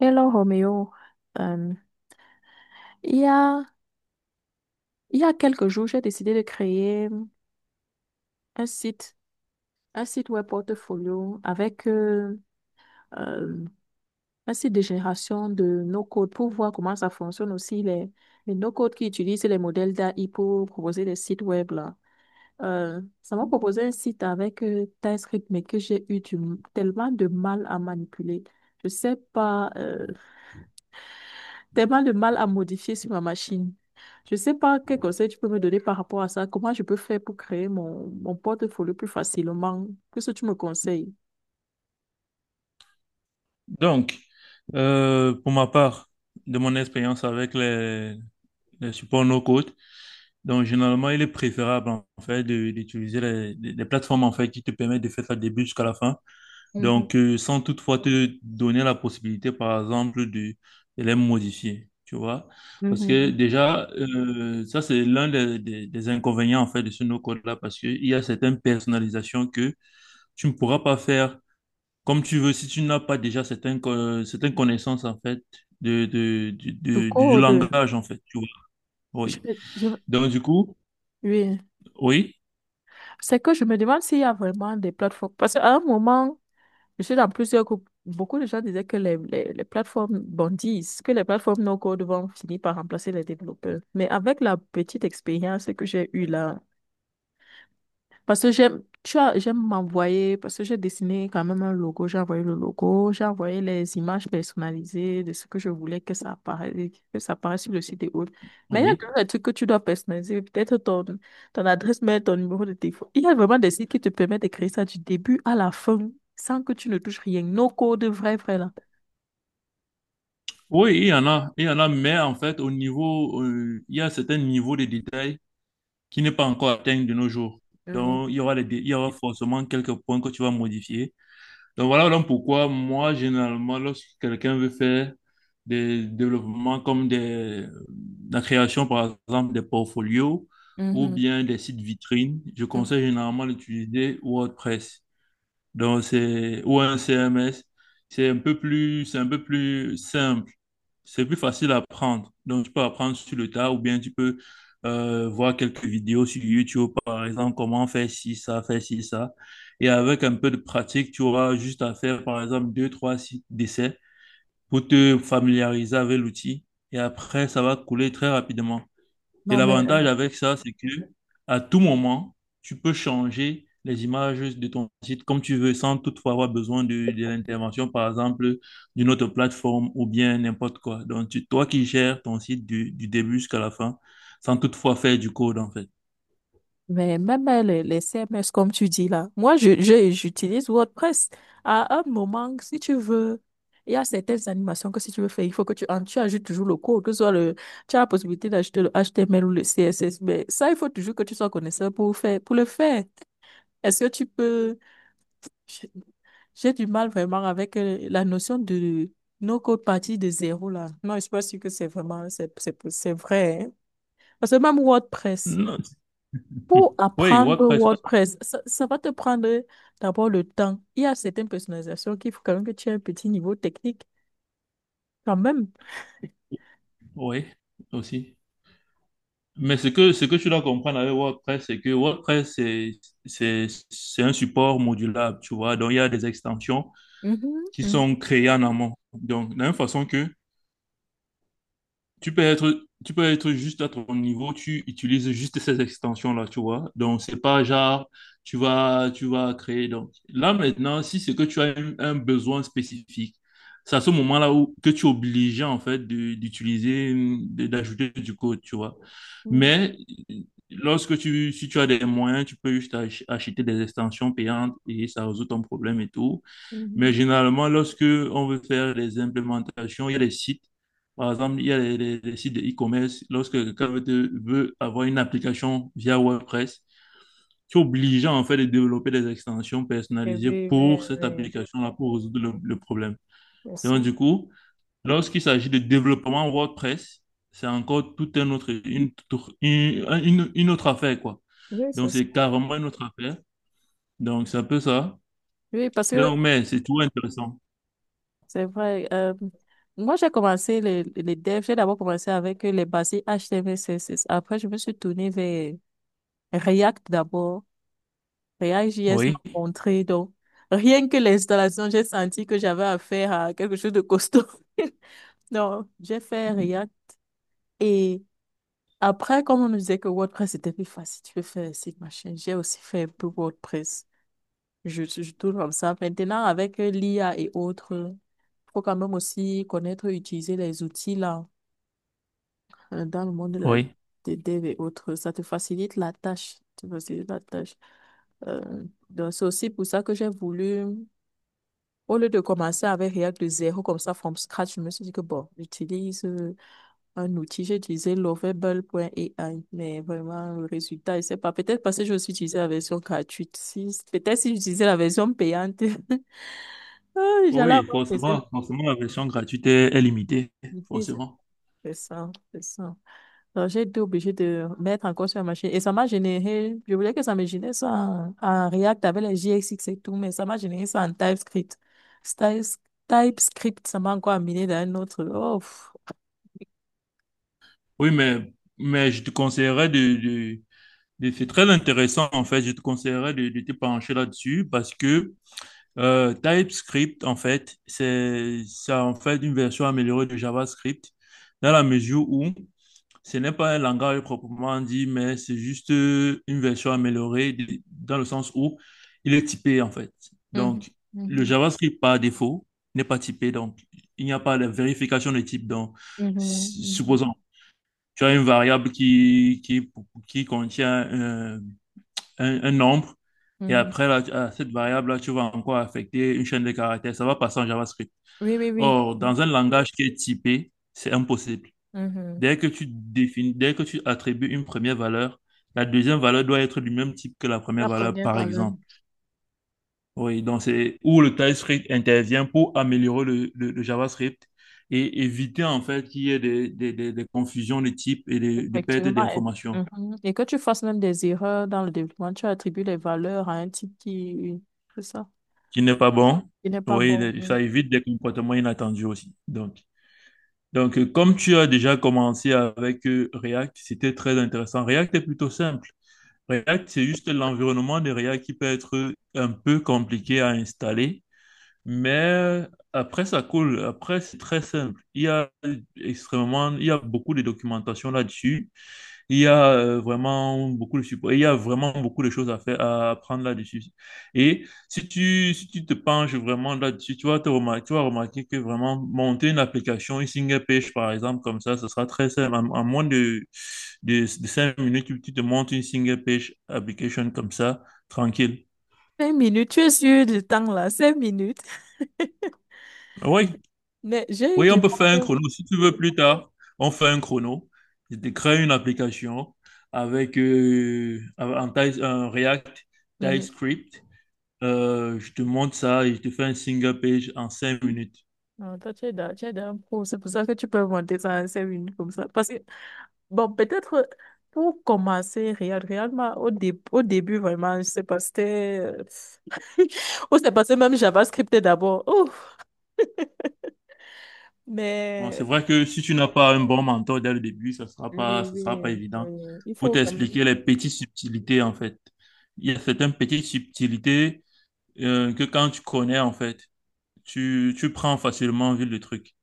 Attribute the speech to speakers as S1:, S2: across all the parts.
S1: Hello Roméo. Euh, il y a, il y a quelques jours, j'ai décidé de créer un un site web portfolio avec euh, un site de génération de no-code pour voir comment ça fonctionne aussi, les no-code qui utilisent les modèles d'AI pour proposer des sites web là. Ça m'a proposé un site avec TypeScript, mais que tellement de mal à manipuler. Je sais pas, tellement de mal à modifier sur ma machine. Je ne sais pas quel conseil tu peux me donner par rapport à ça. Comment je peux faire pour créer mon portfolio plus facilement? Qu'est-ce que tu me conseilles?
S2: Donc, pour ma part, de mon expérience avec les supports no-code, donc généralement, il est préférable en fait d'utiliser les plateformes en fait qui te permettent de faire ça du début jusqu'à la fin.
S1: Mhm,
S2: Donc, sans toutefois te donner la possibilité, par exemple, de les modifier, tu vois. Parce que
S1: mhm.
S2: déjà, ça c'est l'un des inconvénients en fait de ce no-code là, parce qu'il y a certaines personnalisations que tu ne pourras pas faire comme tu veux, si tu n'as pas déjà certaines connaissances, en fait, de, de, du,
S1: Du
S2: de- du- du
S1: code,
S2: langage, en fait, tu vois. Oui.
S1: je, je-
S2: Donc, du coup,
S1: oui.
S2: oui,
S1: C'est que je me demande s'il y a vraiment des plateformes. Parce qu'à un moment, je suis dans plusieurs groupes. Beaucoup de gens disaient que les plateformes bondissent, que les plateformes no-code vont finir par remplacer les développeurs. Mais avec la petite expérience que j'ai eue là, parce que j'aime, tu as, j'aime m'envoyer, parce que j'ai dessiné quand même un logo, j'ai envoyé le logo, j'ai envoyé les images personnalisées de ce que je voulais que ça apparaisse sur le site et autres. Mais il y a
S2: oui.
S1: toujours des trucs que tu dois personnaliser, peut-être ton adresse mail, ton numéro de téléphone. Il y a vraiment des sites qui te permettent de créer ça du début à la fin, sans que tu ne touches rien. No code, vrai, vrai, là.
S2: Oui, il y en a, mais en fait, au niveau, il y a certains niveaux de détail qui n'est pas encore atteint de nos jours.
S1: Oui.
S2: Donc, il y aura forcément quelques points que tu vas modifier. Donc voilà donc pourquoi moi, généralement, lorsque quelqu'un veut faire des développements comme la création, par exemple, des portfolios ou
S1: Mhm.
S2: bien des sites vitrines, je
S1: Mhm.
S2: conseille généralement d'utiliser WordPress. Donc c'est ou un CMS, c'est un peu plus simple, c'est plus facile à apprendre. Donc tu peux apprendre sur le tas ou bien tu peux voir quelques vidéos sur YouTube par exemple comment faire ci ça, faire ci ça. Et avec un peu de pratique, tu auras juste à faire par exemple deux trois sites d'essais pour te familiariser avec l'outil. Et après ça va couler très rapidement. Et
S1: Non,
S2: l'avantage avec ça, c'est que à tout moment, tu peux changer les images de ton site comme tu veux, sans toutefois avoir besoin de l'intervention, par exemple, d'une autre plateforme ou bien n'importe quoi. Donc, toi qui gères ton site du début jusqu'à la fin, sans toutefois faire du code, en fait.
S1: mais même les CMS, comme tu dis là, moi, j'utilise WordPress. À un moment, si tu veux, il y a certaines animations que si tu veux faire, il faut que tu ajoutes toujours le code, que ce soit le, tu as la possibilité d'ajouter le HTML ou le CSS, mais ça, il faut toujours que tu sois connaisseur pour pour le faire. Est-ce que tu peux, j'ai j'ai du mal vraiment avec la notion de no-code partie de zéro là. Non, je suis pas sûre que c'est vrai, hein. Parce que même WordPress,
S2: Non.
S1: pour
S2: Oui,
S1: apprendre
S2: WordPress aussi.
S1: WordPress, ça va te prendre d'abord le temps. Il y a certaines personnalisations qu'il faut quand même que tu aies un petit niveau technique quand même.
S2: Oui, aussi. Mais ce que tu dois comprendre avec WordPress, c'est que WordPress, c'est un support modulable, tu vois. Donc, il y a des extensions
S1: Mhm,
S2: qui sont
S1: mhm,
S2: créés en amont. Donc, de la même façon que tu peux être juste à ton niveau, tu utilises juste ces extensions-là, tu vois. Donc, c'est pas genre, tu vas créer. Donc, là, maintenant, si c'est que tu as un besoin spécifique, c'est à ce moment-là où, que tu es obligé, en fait, d'utiliser, d'ajouter du code, tu vois.
S1: mhm,
S2: Mais lorsque si tu as des moyens, tu peux juste acheter des extensions payantes et ça résout ton problème et tout. Mais
S1: mhm.
S2: généralement, lorsque on veut faire des implémentations, il y a des sites. Par exemple, il y a les sites de e-commerce. Lorsque quelqu'un veut avoir une application via WordPress, tu es obligé en fait de développer des extensions
S1: Eh
S2: personnalisées
S1: oui, oui,
S2: pour cette
S1: oui,
S2: application-là pour résoudre le problème.
S1: c'est ça.
S2: Donc, du coup, lorsqu'il s'agit de développement WordPress, c'est encore tout un autre, une, toute- une autre affaire, quoi.
S1: Oui, c'est
S2: Donc,
S1: ça.
S2: c'est carrément une autre affaire. Donc, c'est un peu ça.
S1: Oui, parce que
S2: Donc, mais c'est toujours intéressant.
S1: c'est vrai. Moi, j'ai commencé les devs. J'ai d'abord commencé avec les basiques HTML, CSS. Après, je me suis tournée vers React d'abord. React JS m'a
S2: Oui,
S1: montré. Donc, rien que l'installation, j'ai senti que j'avais affaire à quelque chose de costaud. Non, j'ai fait React. Et après, comme on me disait que WordPress était plus facile, tu peux faire un site, machin, j'ai aussi fait un peu WordPress. Je tourne comme ça. Maintenant, avec l'IA et autres, il faut quand même aussi connaître et utiliser les outils là, dans le monde de la,
S2: oui.
S1: des dev et autres. Ça te facilite la tâche. Ça te facilite la tâche. Euh, donc, c'est aussi pour ça que j'ai voulu. Au lieu de commencer avec React de zéro, comme ça, from scratch, je me suis dit que bon, j'utilise un outil, j'ai utilisé lovable.ai, mais vraiment, le résultat, je sais pas. Peut-être parce que j'ai aussi utilisé la version gratuite. Si, peut-être si j'utilisais la version payante, ah, j'allais
S2: Oui,
S1: avoir des
S2: forcément, forcément, la version gratuite est limitée,
S1: difficultés.
S2: forcément.
S1: C'est ça, c'est ça. Donc, j'ai été obligée de mettre encore sur la machine. Et ça m'a généré, je voulais que ça me génère ça en React avec les JSX et tout, mais ça m'a généré ça en TypeScript. Styles- TypeScript, ça m'a encore amené dans un autre. Oh, pff.
S2: Oui, mais je te conseillerais c'est très intéressant, en fait, je te conseillerais de te pencher là-dessus parce que TypeScript, en fait, c'est en fait une version améliorée de JavaScript dans la mesure où ce n'est pas un langage proprement dit, mais c'est juste une version améliorée dans le sens où il est typé en fait.
S1: Mhm,
S2: Donc, le
S1: mhm,
S2: JavaScript par défaut n'est pas typé, donc il n'y a pas de vérification de type. Donc,
S1: mhm, mhm,
S2: supposons, tu as une variable qui contient un nombre, et
S1: mhm.
S2: après, là, à cette variable-là, tu vas encore affecter une chaîne de caractères. Ça va passer en JavaScript.
S1: Oui, oui, oui.
S2: Or, dans un langage qui est typé, c'est impossible.
S1: Mhm.
S2: Dès que tu définis, dès que tu attribues une première valeur, la deuxième valeur doit être du même type que la première
S1: La
S2: valeur,
S1: première
S2: par
S1: valeur,
S2: exemple. Oui, donc c'est où le TypeScript intervient pour améliorer le JavaScript et éviter en fait qu'il y ait des confusions de type et des pertes
S1: effectivement. Elle-
S2: d'informations,
S1: mhm. Et que tu fasses même des erreurs dans le développement, tu attribues les valeurs à un type qui, c'est ça,
S2: qui n'est pas bon.
S1: qui n'est pas
S2: Oui,
S1: bon. Oui.
S2: ça évite des comportements inattendus aussi. Donc, comme tu as déjà commencé avec React, c'était très intéressant. React est plutôt simple. React, c'est juste l'environnement de React qui peut être un peu compliqué à installer, mais après, ça coule. Après, c'est très simple. Il y a beaucoup de documentation là-dessus. Il y a vraiment beaucoup de support. Il y a vraiment beaucoup de choses à faire, à apprendre là-dessus. Et si si tu te penches vraiment là-dessus, tu vas remarquer que vraiment monter une application, une single page, par exemple, comme ça, ce sera très simple. En moins de 5 minutes, tu te montes une single page application comme ça, tranquille.
S1: Cinq minutes, tu es sûr du temps là, cinq minutes.
S2: Oui,
S1: Mais j'ai eu
S2: oui, on
S1: du
S2: peut faire un
S1: mal.
S2: chrono. Si tu veux plus tard, on fait un chrono. Je te crée une application avec un React
S1: Mhm.
S2: TypeScript. Je te montre ça et je te fais un single page en 5 minutes.
S1: Non, toi, tu es dans un pro, c'est pour ça que tu peux monter ça à cinq minutes comme ça. Parce que bon, peut-être pour commencer, au début, vraiment, je sais pas, c'était. On s'est passé même JavaScript d'abord. Ouf,
S2: Bon, c'est
S1: mais
S2: vrai que si tu n'as pas un bon mentor dès le début, ça sera pas,
S1: oui,
S2: ça sera pas
S1: oui,
S2: évident
S1: oui, il
S2: pour
S1: faut quand même.
S2: t'expliquer les petites subtilités, en fait. Il y a certaines petites subtilités que quand tu connais, en fait, tu prends facilement en vue le truc.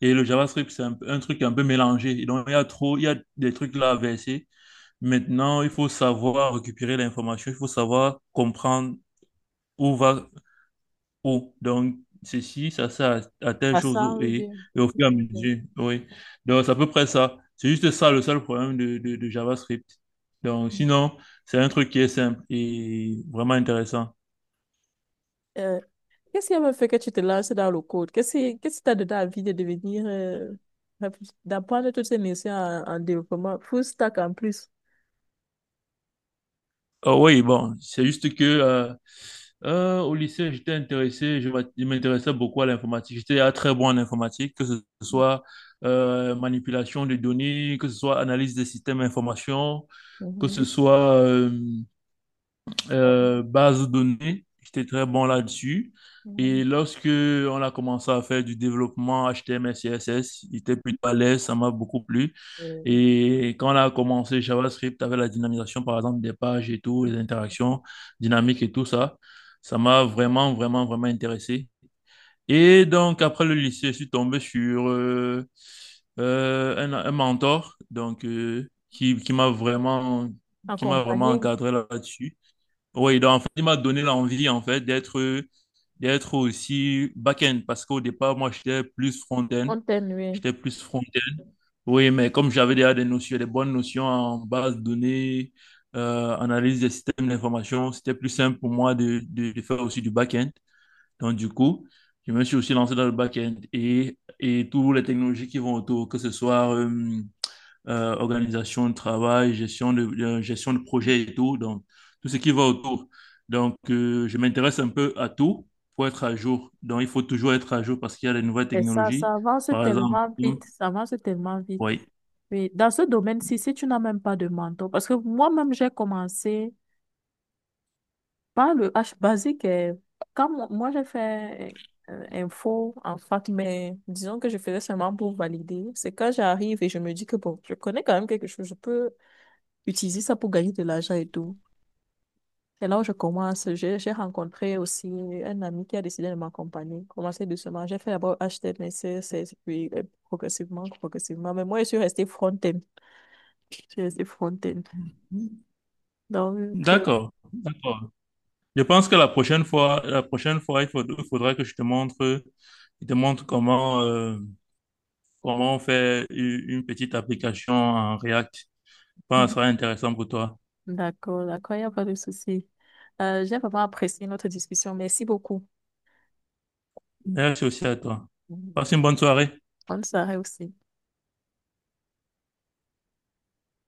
S2: Et le JavaScript, c'est un truc un peu mélangé. Et donc, il y a des trucs là à verser. Maintenant, il faut savoir récupérer l'information, il faut savoir comprendre où va Oh, donc, ceci, ça, à telle
S1: À
S2: chose,
S1: ça,
S2: oh,
S1: oui.
S2: et au fur et à
S1: Oui,
S2: mesure, oui. Donc, c'est à peu près ça. C'est juste ça le seul problème de JavaScript. Donc,
S1: oui.
S2: sinon, c'est un truc qui est simple et vraiment intéressant.
S1: Euh, Qu'est-ce qui avait fait que tu te lances dans le code? Qu'est-ce qui t'a donné envie de devenir, d'apprendre toutes ces notions en développement, full stack en plus?
S2: Oh, oui, bon, c'est juste que au lycée, j'étais intéressé, je m'intéressais beaucoup à l'informatique. J'étais très bon en informatique, que ce soit manipulation de données, que ce soit analyse des systèmes d'information, que ce
S1: Mhm.
S2: soit base de données. J'étais très bon là-dessus.
S1: Mhm.
S2: Et lorsque on a commencé à faire du développement HTML, CSS, j'étais plutôt à l'aise, ça m'a beaucoup plu.
S1: Euh,
S2: Et quand on a commencé JavaScript avec la dynamisation, par exemple, des pages et tout, les interactions dynamiques et tout ça, ça m'a vraiment, vraiment, vraiment intéressé. Et donc, après le lycée, je suis tombé sur un mentor donc, qui m'a vraiment
S1: accompagné,
S2: encadré là-dessus. Oui, donc en fait, il m'a donné l'envie en fait d'être aussi back-end parce qu'au départ, moi, j'étais plus front-end.
S1: on t'aime, oui.
S2: J'étais plus front-end. Oui, mais comme j'avais déjà des bonnes notions en base de données, analyse des systèmes d'information, c'était plus simple pour moi de faire aussi du back-end. Donc, du coup, je me suis aussi lancé dans le back-end et toutes les technologies qui vont autour, que ce soit organisation de travail, gestion de projet et tout, donc tout ce qui va autour. Donc, je m'intéresse un peu à tout pour être à jour. Donc, il faut toujours être à jour parce qu'il y a les nouvelles
S1: Et ça,
S2: technologies.
S1: ça avance
S2: Par exemple,
S1: tellement vite, ça avance tellement vite.
S2: oui.
S1: Oui, dans ce domaine-ci, si tu n'as même pas de mentor, parce que moi-même, j'ai commencé par le H basique, eh, quand j'ai fait info en fac, mais disons que je faisais seulement pour valider. C'est quand j'arrive et je me dis que bon, je connais quand même quelque chose, je peux utiliser ça pour gagner de l'argent et tout. C'est là où je commence. J'ai rencontré aussi un ami qui a décidé de m'accompagner. Commencer doucement. J'ai fait d'abord HTML, CSS, puis progressivement, progressivement. Mais moi, je suis restée front-end. Je suis restée front-end. Donc,
S2: D'accord, d'accord. Je pense que la prochaine fois, il faudra que je te montre comment faire une petite application en React. Je pense que ça
S1: Mhm.
S2: sera intéressant pour toi.
S1: D'accord, d'accord, il n'y a pas de souci. J'ai vraiment apprécié notre discussion. Merci beaucoup.
S2: Merci aussi à toi. Passe
S1: Mhm.
S2: une bonne soirée.
S1: On s'arrête aussi.